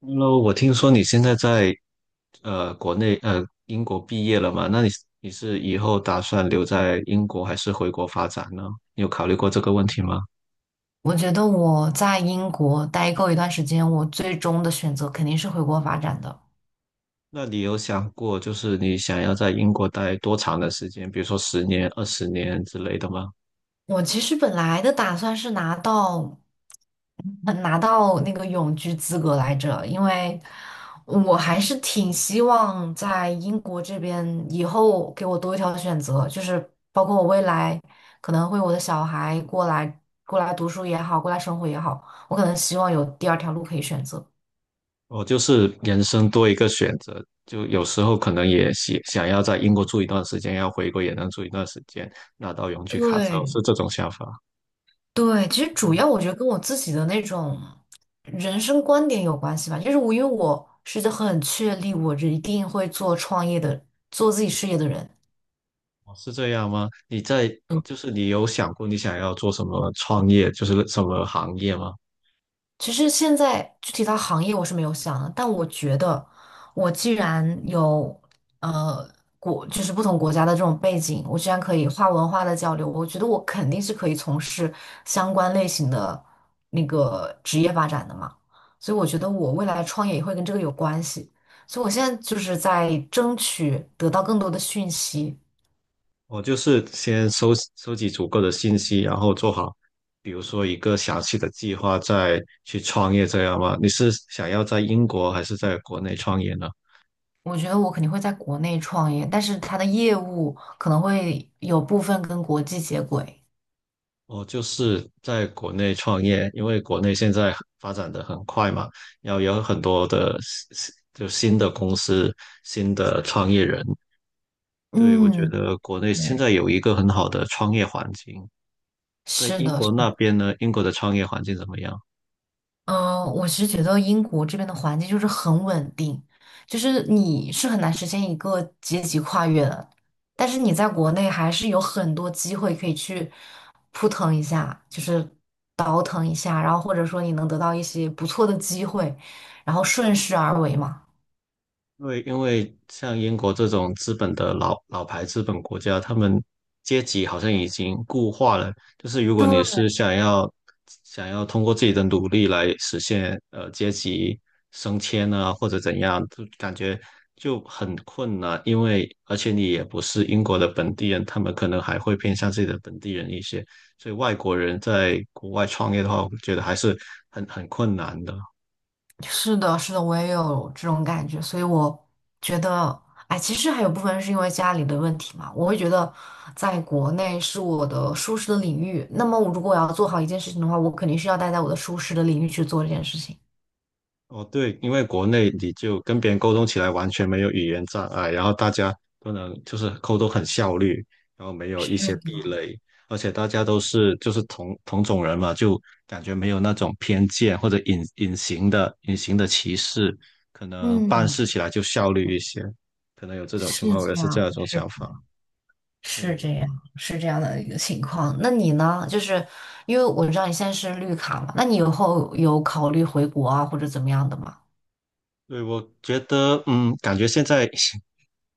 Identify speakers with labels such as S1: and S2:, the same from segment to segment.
S1: Hello，我听说你现在在国内英国毕业了嘛？那你你以后打算留在英国还是回国发展呢？你有考虑过这个问题吗？
S2: 我觉得我在英国待够一段时间，我最终的选择肯定是回国发展的。
S1: 那你有想过就是你想要在英国待多长的时间，比如说十年、二十年之类的吗？
S2: 我其实本来的打算是拿到，拿到那个永居资格来着，因为我还是挺希望在英国这边以后给我多一条选择，就是包括我未来可能会我的小孩过来读书也好，过来生活也好，我可能希望有第二条路可以选择。
S1: 我就是人生多一个选择，就有时候可能也想要在英国住一段时间，要回国也能住一段时间，拿到永居卡之后是
S2: 对，
S1: 这种想法。
S2: 对，其实主要我觉得跟我自己的那种人生观点有关系吧，就是我因为我是一个很确立我一定会做创业的、做自己事业的人，
S1: 哦，是这样吗？你在，就是你有想过你想要做什么创业，就是什么行业吗？
S2: 其实现在具体到行业我是没有想的，但我觉得我既然有呃就是不同国家的这种背景，我既然可以跨文化的交流，我觉得我肯定是可以从事相关类型的那个职业发展的嘛。所以我觉得我未来创业也会跟这个有关系。所以我现在就是在争取得到更多的讯息。
S1: 我就是先收集足够的信息，然后做好，比如说一个详细的计划，再去创业这样吗？你是想要在英国还是在国内创业呢？
S2: 我觉得我肯定会在国内创业，但是它的业务可能会有部分跟国际接轨。
S1: 我就是在国内创业，因为国内现在发展的很快嘛，然后有很多的新的公司、新的创业人。对，我觉
S2: 嗯。
S1: 得国内现
S2: 对，
S1: 在有一个很好的创业环境，但
S2: 是
S1: 英
S2: 的，是
S1: 国那
S2: 的，
S1: 边呢？英国的创业环境怎么样？
S2: 嗯，我是觉得英国这边的环境就是很稳定，就是你是很难实现一个阶级跨越的，但是你在国内还是有很多机会可以去扑腾一下，就是倒腾一下，然后或者说你能得到一些不错的机会，然后顺势而为嘛。
S1: 因为像英国这种资本的老牌资本国家，他们阶级好像已经固化了。就是如果你
S2: 对。
S1: 是想要通过自己的努力来实现阶级升迁啊，或者怎样，就感觉就很困难。因为而且你也不是英国的本地人，他们可能还会偏向自己的本地人一些。所以外国人在国外创业的话，我觉得还是很困难的。
S2: 是的，是的，我也有这种感觉，所以我觉得，哎，其实还有部分是因为家里的问题嘛。我会觉得，在国内是我的舒适的领域，那么我如果我要做好一件事情的话，我肯定是要待在我的舒适的领域去做这件事情。
S1: 哦，对，因为国内你就跟别人沟通起来完全没有语言障碍，然后大家都能就是沟通很效率，然后没有一
S2: 是
S1: 些壁
S2: 的，
S1: 垒，而且大家都是就是同种人嘛，就感觉没有那种偏见或者隐形的歧视，可能办
S2: 嗯，
S1: 事起来就效率一些，可能有这种
S2: 是
S1: 情况，我也
S2: 这
S1: 是这
S2: 样，
S1: 样一种想法。
S2: 是
S1: 对，
S2: 这样，是这样的一个情况。那你呢？就是因为我知道你现在是绿卡嘛，那你以后有考虑回国啊，或者怎么样的吗？
S1: 对，我觉得，嗯，感觉现在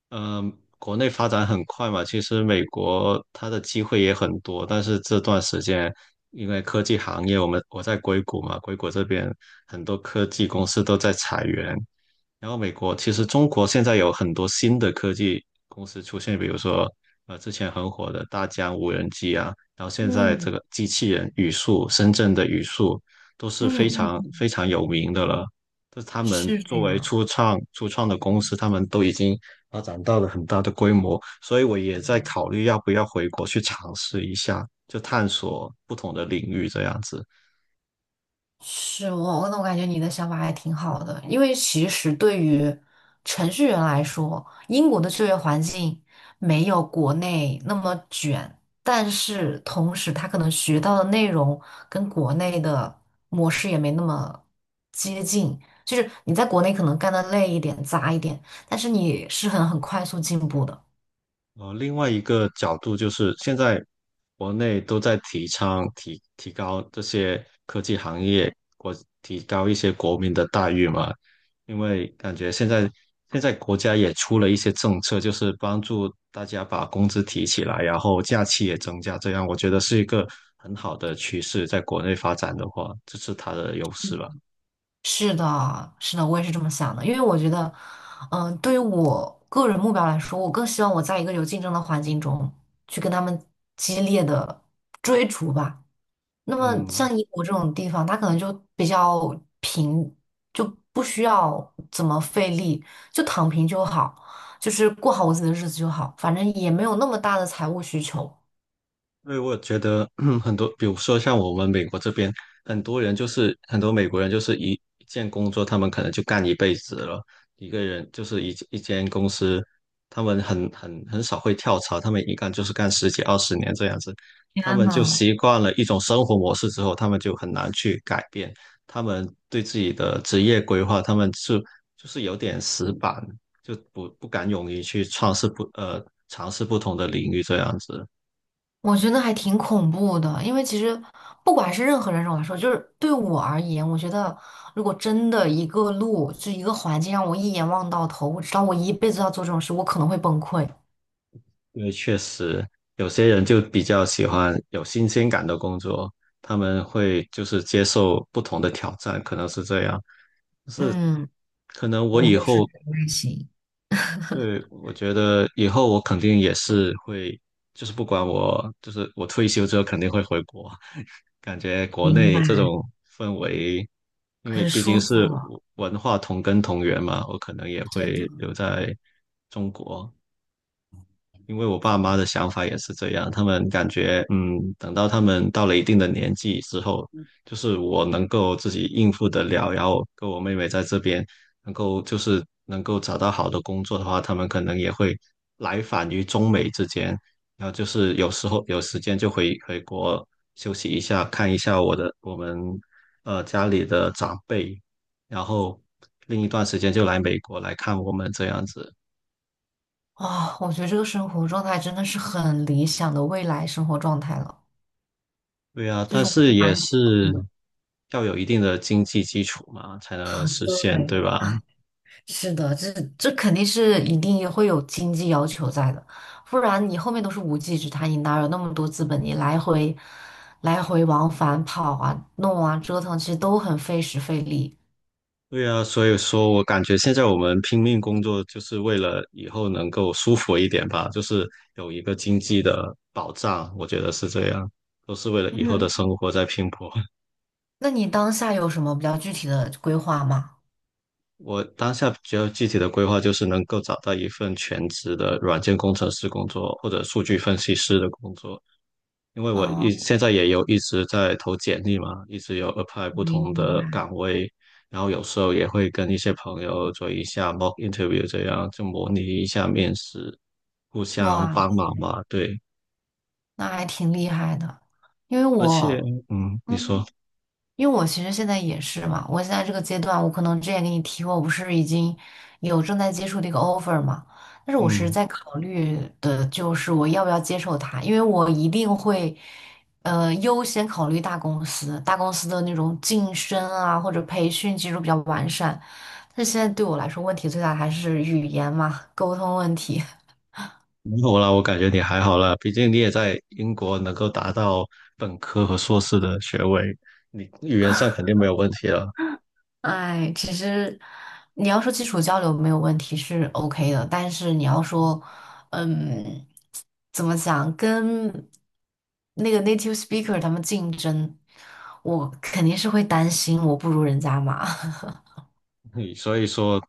S1: 嗯，国内发展很快嘛，其实美国它的机会也很多，但是这段时间因为科技行业，我在硅谷嘛，硅谷这边很多科技公司都在裁员，然后美国其实中国现在有很多新的科技公司出现，比如说之前很火的大疆无人机啊，然后现在这
S2: 嗯，
S1: 个机器人语速，深圳的语速都是非
S2: 嗯，嗯，
S1: 常
S2: 嗯，
S1: 非常有名的了。就是他们
S2: 是这
S1: 作为
S2: 样。
S1: 初创的公司，他们都已经发展到了很大的规模，所以我也在考虑要不要回国去尝试一下，就探索不同的领域这样子。
S2: 是我，那我感觉你的想法还挺好的，因为其实对于程序员来说，英国的就业环境没有国内那么卷，但是同时他可能学到的内容跟国内的模式也没那么接近，就是你在国内可能干得累一点、杂一点，但是你是很快速进步的。
S1: 另外一个角度就是，现在国内都在提倡提高这些科技行业，提高一些国民的待遇嘛。因为感觉现在国家也出了一些政策，就是帮助大家把工资提起来，然后假期也增加，这样我觉得是一个很好的趋势。在国内发展的话，这是它的优势吧。
S2: 是的，是的，我也是这么想的，因为我觉得，嗯、对于我个人目标来说，我更希望我在一个有竞争的环境中去跟他们激烈的追逐吧。那么
S1: 嗯，
S2: 像英国这种地方，它可能就比较平，就不需要怎么费力，就躺平就好，就是过好我自己的日子就好，反正也没有那么大的财务需求。
S1: 因为我觉得 很多，比如说像我们美国这边，很多美国人就是一件工作，他们可能就干一辈子了。一个人就是一间公司，他们很少会跳槽，他们一干就是干十几二十年这样子。他
S2: 天
S1: 们就
S2: 呐！
S1: 习惯了一种生活模式之后，他们就很难去改变。他们对自己的职业规划，他们是就是有点死板，就不敢勇于去尝试不呃尝试不同的领域这样子。
S2: 我觉得还挺恐怖的，因为其实不管是任何人来说，就是对我而言，我觉得如果真的一个路，就一个环境让我一眼望到头，我知道我一辈子要做这种事，我可能会崩溃。
S1: 因为确实有些人就比较喜欢有新鲜感的工作，他们会就是接受不同的挑战，可能是这样。但是
S2: 嗯，
S1: 可能我
S2: 我
S1: 以
S2: 就是
S1: 后，
S2: 这种类型，
S1: 对，我觉得以后我肯定也是会，就是不管我，就是我退休之后肯定会回国，感觉国
S2: 明白，
S1: 内这种氛围，因为
S2: 很
S1: 毕竟
S2: 舒服
S1: 是文化同根同源嘛，我可能也
S2: 真的。
S1: 会留在中国。因为我爸妈的想法也是这样，他们感觉，嗯，等到他们到了一定的年纪之后，就是我能够自己应付得了，然后跟我妹妹在这边能够就是能够找到好的工作的话，他们可能也会来返于中美之间，然后就是有时候有时间就回国休息一下，看一下我们家里的长辈，然后另一段时间就来美国来看我们这样子。
S2: 哇，我觉得这个生活状态真的是很理想的未来生活状态了，
S1: 对啊，
S2: 就
S1: 但
S2: 是我
S1: 是也是
S2: 的。
S1: 要有一定的经济基础嘛，才能实现，对
S2: 对，
S1: 吧？
S2: 是的，这肯定是一定也会有经济要求在的，不然你后面都是无稽之谈。你哪有那么多资本？你来回往返跑啊、弄啊、折腾，其实都很费时费力。
S1: 对啊，所以说我感觉现在我们拼命工作，就是为了以后能够舒服一点吧，就是有一个经济的保障，我觉得是这样，都是为了以后的
S2: 嗯，
S1: 生活在拼搏。
S2: 那你当下有什么比较具体的规划吗？
S1: 我当下比较具体的规划就是能够找到一份全职的软件工程师工作，或者数据分析师的工作。因为
S2: 啊，
S1: 现在也有一直在投简历嘛，一直有 apply 不
S2: 明，
S1: 同
S2: 明
S1: 的
S2: 白，
S1: 岗位，然后有时候也会跟一些朋友做一下 mock interview，这样就模拟一下面试，互相
S2: 哇
S1: 帮忙
S2: 塞，
S1: 嘛。对，
S2: 那还挺厉害的。因为
S1: 而且，
S2: 我，
S1: 嗯，你说，
S2: 嗯，因为我其实现在也是嘛，我现在这个阶段，我可能之前给你提过，我不是已经有正在接触的一个 offer 嘛，但是我是
S1: 嗯，
S2: 在考虑的就是我要不要接受它，因为我一定会，优先考虑大公司，大公司的那种晋升啊或者培训技术比较完善，但是现在对我来说问题最大还是语言嘛，沟通问题。
S1: 没有啦，我感觉你还好啦，毕竟你也在英国能够达到本科和硕士的学位，你语言上肯定没有问题了。
S2: 哎，其实你要说基础交流没有问题是 OK 的，但是你要说，嗯，怎么讲，跟那个 native speaker 他们竞争，我肯定是会担心我不如人家嘛，
S1: 你所以说，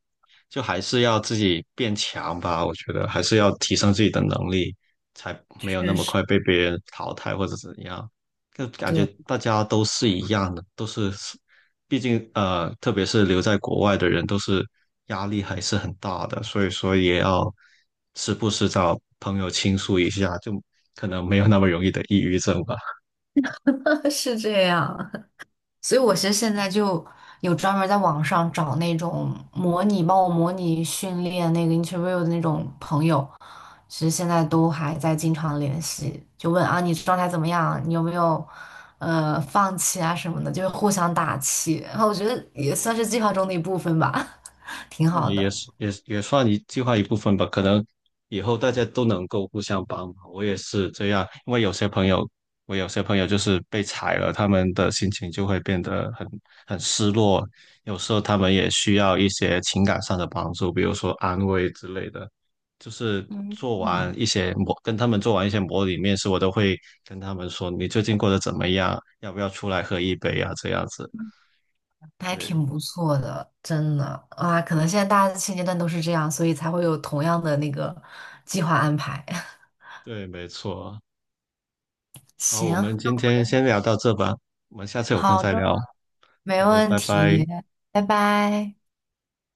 S1: 就还是要自己变强吧。我觉得还是要提升自己的能力，才 没有那
S2: 确
S1: 么
S2: 实，
S1: 快被别人淘汰或者怎样。就感觉
S2: 对，
S1: 大家都是一样的，都是，毕竟，特别是留在国外的人，都是压力还是很大的，所以说也要时不时找朋友倾诉一下，就可能没有那么容易的抑郁症吧。
S2: 是这样。所以我其实现在就有专门在网上找那种模拟帮我模拟训练那个 interview 的那种朋友，其实现在都还在经常联系，就问啊你状态怎么样，你有没有放弃啊什么的，就是互相打气，然后我觉得也算是计划中的一部分吧，挺
S1: 嗯
S2: 好
S1: 也
S2: 的。
S1: 是也是也算计划一部分吧。可能以后大家都能够互相帮忙。我也是这样，因为有些朋友，我有些朋友就是被踩了，他们的心情就会变得很失落。有时候他们也需要一些情感上的帮助，比如说安慰之类的。就是
S2: 嗯，
S1: 做完一些模，跟他们做完一些模拟面试，我都会跟他们说你最近过得怎么样，要不要出来喝一杯啊？这样子。
S2: 还
S1: 对
S2: 挺不错的，真的啊！可能现在大家现阶段都是这样，所以才会有同样的那个计划安排。
S1: 对，没错。好，我
S2: 行，
S1: 们今天先聊到这吧，我们下次有空
S2: 好
S1: 再
S2: 的，
S1: 聊。
S2: 没
S1: 好的，
S2: 问
S1: 拜拜。
S2: 题，拜拜。